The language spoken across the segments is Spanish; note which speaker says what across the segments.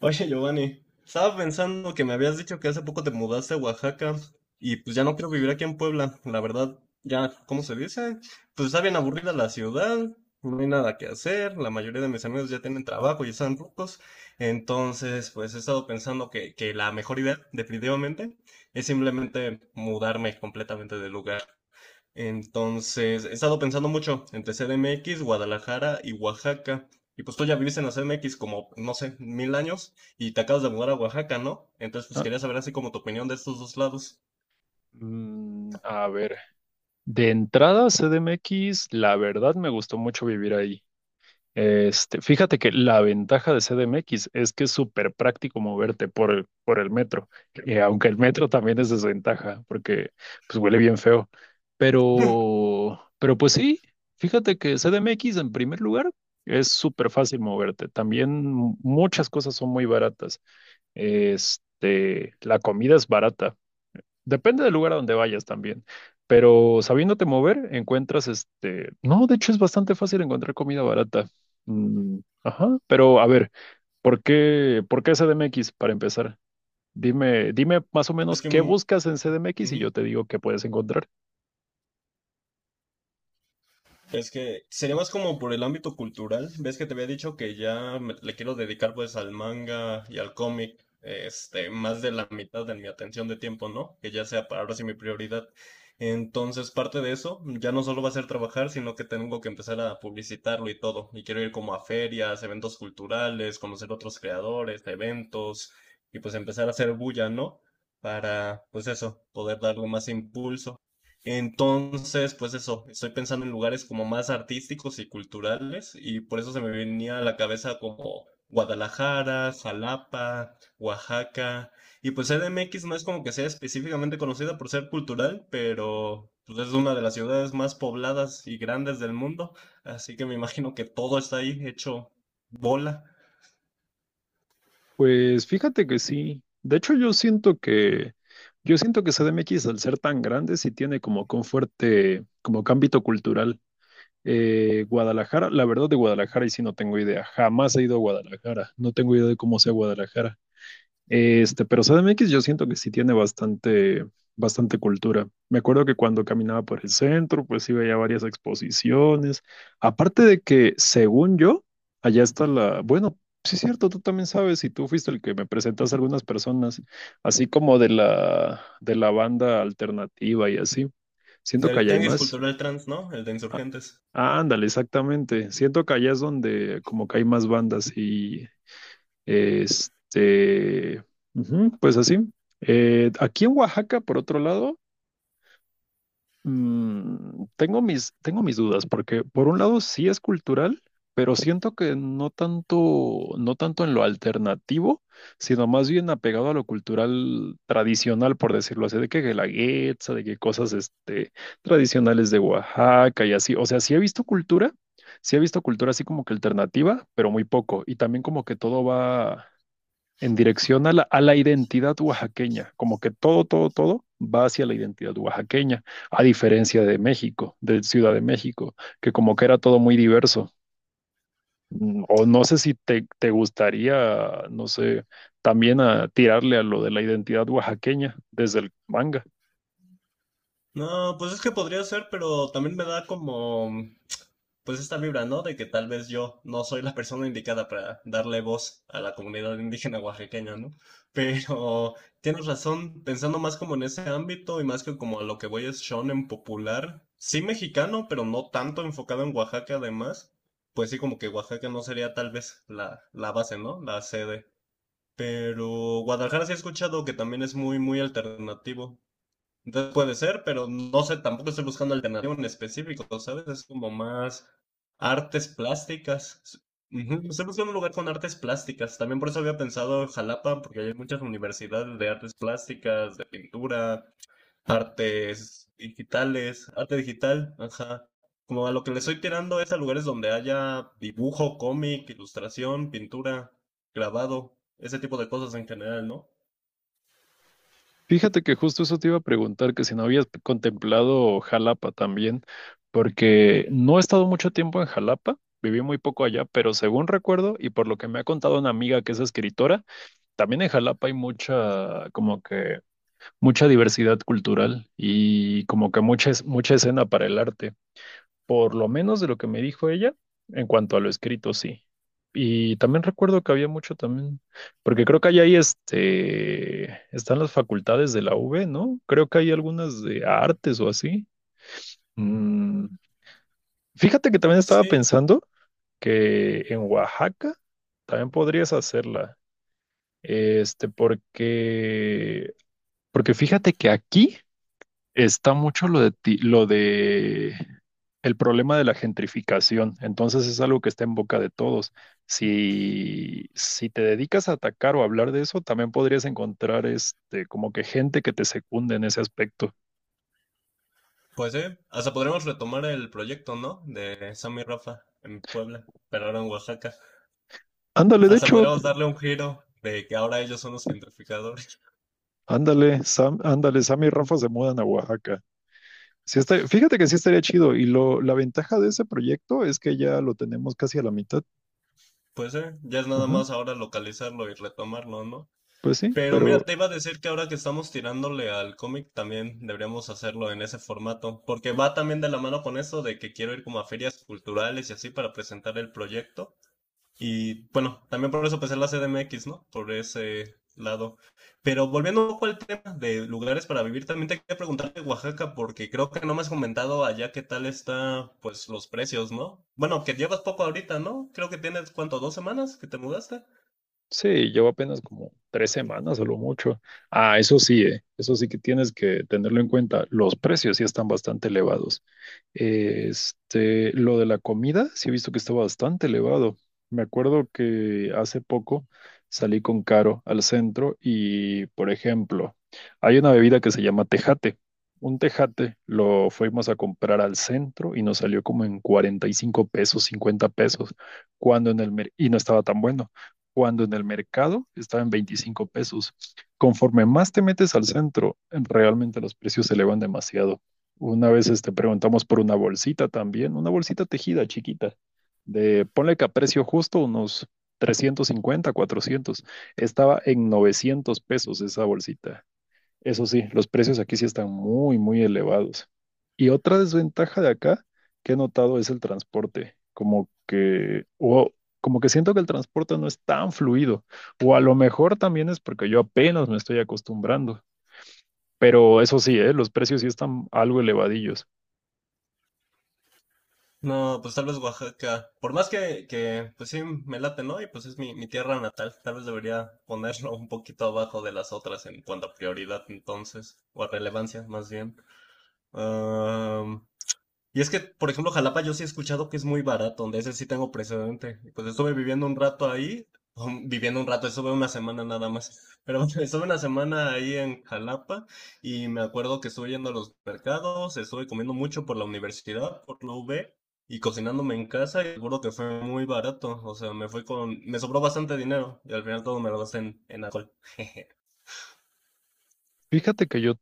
Speaker 1: Oye, Giovanni, estaba pensando que me habías dicho que hace poco te mudaste a Oaxaca y pues ya no quiero vivir aquí en Puebla, la verdad, ya, ¿cómo se dice? Pues está bien aburrida la ciudad, no hay nada que hacer, la mayoría de mis amigos ya tienen trabajo, ya están rucos, entonces pues he estado pensando que la mejor idea, definitivamente, es simplemente mudarme completamente de lugar. Entonces, he estado pensando mucho entre C D M X, Guadalajara y Oaxaca. Y pues tú ya viviste en la C D M X como, no sé, mil años y te acabas de mudar a Oaxaca, ¿no? Entonces, pues
Speaker 2: Ah,
Speaker 1: quería saber así como tu opinión de estos dos lados.
Speaker 2: a ver, de entrada CDMX, la verdad me gustó mucho vivir ahí. Este, fíjate que la ventaja de CDMX es que es súper práctico moverte por el metro, aunque el metro también es desventaja, porque pues huele bien feo. Pero pues sí, fíjate que CDMX en primer lugar es súper fácil moverte. También muchas cosas son muy baratas. Este, la comida es barata. Depende del lugar a donde vayas también, pero sabiéndote mover, encuentras este, no, de hecho es bastante fácil encontrar comida barata. Mm, ajá, pero a ver, ¿por qué CDMX para empezar? Dime, dime más o
Speaker 1: Es
Speaker 2: menos qué
Speaker 1: que...
Speaker 2: buscas en CDMX y
Speaker 1: ujú.
Speaker 2: yo te digo qué puedes encontrar.
Speaker 1: Es que sería más como por el ámbito cultural. Ves que te había dicho que ya le quiero dedicar pues al manga y al cómic, este, más de la mitad de mi atención de tiempo, ¿no? Que ya sea para ahora sí mi prioridad. Entonces, parte de eso ya no solo va a ser trabajar, sino que tengo que empezar a publicitarlo y todo. Y quiero ir como a ferias, eventos culturales, conocer otros creadores, eventos y pues empezar a hacer bulla, ¿no? Para, pues eso, poder darle más impulso. Entonces, pues eso, estoy pensando en lugares como más artísticos y culturales y por eso se me venía a la cabeza como Guadalajara, Jalapa, Oaxaca y pues CDMX no es como que sea específicamente conocida por ser cultural, pero pues es una de las ciudades más pobladas y grandes del mundo, así que me imagino que todo está ahí hecho bola.
Speaker 2: Pues fíjate que sí. De hecho, yo siento que CDMX, al ser tan grande, sí tiene como que un fuerte, como que ámbito cultural. Guadalajara, la verdad de Guadalajara, y sí no tengo idea. Jamás he ido a Guadalajara. No tengo idea de cómo sea Guadalajara. Este, pero CDMX yo siento que sí tiene bastante, bastante cultura. Me acuerdo que cuando caminaba por el centro, pues sí veía varias exposiciones. Aparte de que, según yo, allá está la, bueno, sí es cierto, tú también sabes, y tú fuiste el que me presentaste a algunas personas, así como de la banda alternativa y así. Siento que
Speaker 1: Del
Speaker 2: allá hay
Speaker 1: tianguis
Speaker 2: más.
Speaker 1: cultural trans, ¿no? El de Insurgentes.
Speaker 2: Ah, ándale, exactamente. Siento que allá es donde como que hay más bandas y este, ujú, pues así. Aquí en Oaxaca, por otro lado, tengo mis dudas, porque por un lado sí es cultural, pero siento que no tanto en lo alternativo, sino más bien apegado a lo cultural tradicional, por decirlo así, de que la guetza, de que cosas este, tradicionales de Oaxaca y así. O sea, sí he visto cultura así como que alternativa, pero muy poco. Y también como que todo va en dirección a la identidad oaxaqueña, como que todo, todo, todo va hacia la identidad oaxaqueña, a diferencia de México, de Ciudad de México, que como que era todo muy diverso. O no sé si te gustaría, no sé, también a tirarle a lo de la identidad oaxaqueña desde el manga.
Speaker 1: No, pues es que podría ser, pero también me da como pues esta vibra, ¿no? De que tal vez yo no soy la persona indicada para darle voz a la comunidad indígena oaxaqueña, ¿no? Pero tienes razón, pensando más como en ese ámbito y más que como a lo que voy es shonen popular, sí mexicano, pero no tanto enfocado en Oaxaca además, pues sí como que Oaxaca no sería tal vez la base, ¿no? La sede. Pero Guadalajara sí he escuchado que también es muy, muy alternativo. Entonces puede ser, pero no sé, tampoco estoy buscando alternativa en específico, ¿sabes? Es como más artes plásticas. Ujú, estoy buscando un lugar con artes plásticas. También por eso había pensado Jalapa, porque hay muchas universidades de artes plásticas, de pintura, artes digitales, arte digital, ajá. Como a lo que le estoy tirando es a lugares donde haya dibujo, cómic, ilustración, pintura, grabado, ese tipo de cosas en general, ¿no?
Speaker 2: Fíjate que justo eso te iba a preguntar, que si no habías contemplado Jalapa también, porque no he estado mucho tiempo en Jalapa, viví muy poco allá, pero según recuerdo y por lo que me ha contado una amiga que es escritora, también en Jalapa hay como que, mucha diversidad cultural y como que mucha escena para el arte, por lo menos de lo que me dijo ella, en cuanto a lo escrito, sí. Y también recuerdo que había mucho también, porque creo que hay ahí este, están las facultades de la UV, ¿no? Creo que hay algunas de artes o así. Mm, Fíjate que también estaba
Speaker 1: Sí,
Speaker 2: pensando que en Oaxaca también podrías hacerla. Este, porque fíjate que aquí está mucho lo de el problema de la gentrificación. Entonces es algo que está en boca de todos. Si te dedicas a atacar o hablar de eso, también podrías encontrar este como que gente que te secunde en ese aspecto.
Speaker 1: pues sí, hasta podremos retomar el proyecto, ¿no? De Sammy y Rafa en Puebla, pero ahora en Oaxaca.
Speaker 2: Ándale, de
Speaker 1: Hasta
Speaker 2: hecho,
Speaker 1: podremos darle un giro de que ahora ellos son los gentrificadores.
Speaker 2: ándale, Sam y Rafa se mudan a Oaxaca. Fíjate que sí estaría chido. Y la ventaja de ese proyecto es que ya lo tenemos casi a la mitad.
Speaker 1: Pues sí, ya es nada
Speaker 2: Ajá,
Speaker 1: más ahora localizarlo y retomarlo, ¿no?
Speaker 2: pues sí,
Speaker 1: Pero mira,
Speaker 2: pero.
Speaker 1: te iba a decir que ahora que estamos tirándole al cómic, también deberíamos hacerlo en ese formato, porque va también de la mano con eso de que quiero ir como a ferias culturales y así para presentar el proyecto. Y bueno, también por eso empecé la CDMX, ¿no? Por ese lado. Pero volviendo un poco al tema de lugares para vivir, también te quería preguntar de Oaxaca, porque creo que no me has comentado allá qué tal está, pues, los precios, ¿no? Bueno, que llevas poco ahorita, ¿no? Creo que tienes, ¿cuánto? ¿2 semanas que te mudaste?
Speaker 2: Sí, llevo apenas como 3 semanas a lo mucho. Ah, eso sí que tienes que tenerlo en cuenta. Los precios sí están bastante elevados. Este, lo de la comida, sí he visto que está bastante elevado. Me acuerdo que hace poco salí con Caro al centro y, por ejemplo, hay una bebida que se llama tejate. Un tejate lo fuimos a comprar al centro y nos salió como en $45, $50, cuando en el mer- y no estaba tan bueno cuando en el mercado estaba en $25. Conforme más te metes al centro, realmente los precios se elevan demasiado. Una vez este, preguntamos por una bolsita también, una bolsita tejida chiquita, de ponle que a precio justo unos 350, 400. Estaba en $900 esa bolsita. Eso sí, los precios aquí sí están muy, muy elevados. Y otra desventaja de acá que he notado es el transporte. Como que siento que el transporte no es tan fluido. O a lo mejor también es porque yo apenas me estoy acostumbrando. Pero eso sí, ¿eh? Los precios sí están algo elevadillos.
Speaker 1: No, pues tal vez Oaxaca. Por más que pues sí, me late, ¿no? Y pues es mi, mi tierra natal. Tal vez debería ponerlo un poquito abajo de las otras en cuanto a prioridad, entonces, o a relevancia, más bien. Um, Y es que, por ejemplo, Jalapa yo sí he escuchado que es muy barato, de ese sí tengo precedente. Y pues estuve viviendo un rato ahí, viviendo un rato, estuve una semana nada más, pero estuve una semana ahí en Jalapa y me acuerdo que estuve yendo a los mercados, estuve comiendo mucho por la universidad, por la UB y cocinándome en casa y seguro que fue muy barato, o sea, me sobró bastante dinero y al final todo me lo gasté en alcohol.
Speaker 2: Fíjate que yo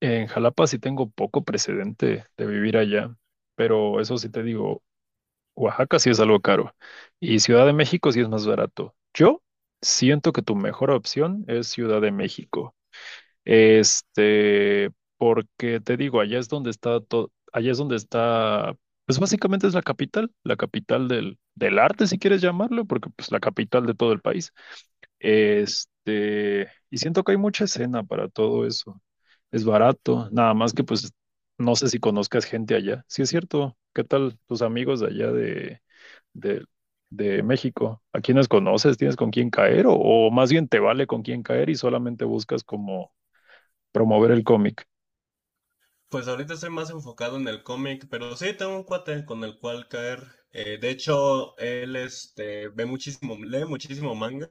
Speaker 2: en Jalapa sí tengo poco precedente de vivir allá, pero eso sí te digo, Oaxaca sí es algo caro y Ciudad de México sí es más barato. Yo siento que tu mejor opción es Ciudad de México. Este, porque te digo, allá es donde está todo, allá es donde está, pues básicamente es la capital, la capital del arte, si quieres llamarlo, porque pues la capital de todo el país. Este, y siento que hay mucha escena para todo eso. Es barato, nada más que pues no sé si conozcas gente allá. Sí es cierto, ¿qué tal tus amigos de allá de, de México? ¿A quiénes conoces? ¿Tienes con quién caer? O más bien te vale con quién caer y solamente buscas como promover el cómic.
Speaker 1: Pues ahorita estoy más enfocado en el cómic, pero sí tengo un cuate con el cual caer. De hecho, él este, ve muchísimo, lee muchísimo manga.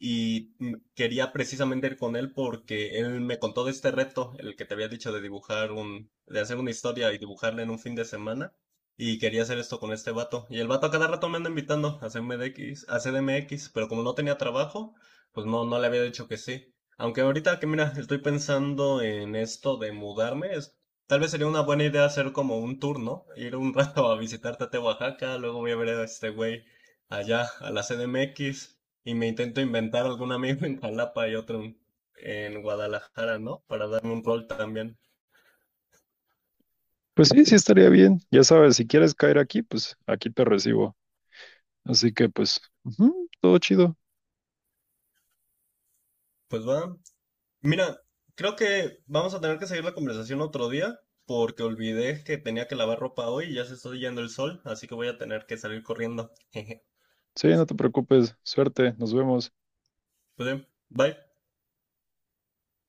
Speaker 1: Y quería precisamente ir con él porque él me contó de este reto, el que te había dicho de de hacer una historia y dibujarla en un fin de semana. Y quería hacer esto con este vato. Y el vato a cada rato me anda invitando a CMDX, a CDMX, pero como no tenía trabajo, pues no, no le había dicho que sí. Aunque ahorita que mira, estoy pensando en esto de mudarme, tal vez sería una buena idea hacer como un tour, ¿no? Ir un rato a visitar Tate Oaxaca, luego voy a ver a este güey allá, a la CDMX y me intento inventar algún amigo en Jalapa y otro en Guadalajara, ¿no? Para darme un rol también.
Speaker 2: Pues sí, sí estaría bien. Ya sabes, si quieres caer aquí, pues aquí te recibo. Así que pues, ujú, todo chido.
Speaker 1: Pues va. Mira, creo que vamos a tener que seguir la conversación otro día porque olvidé que tenía que lavar ropa hoy y ya se está yendo el sol, así que voy a tener que salir corriendo. Jeje.
Speaker 2: Sí, no te preocupes. Suerte, nos vemos.
Speaker 1: Pues bien, bye.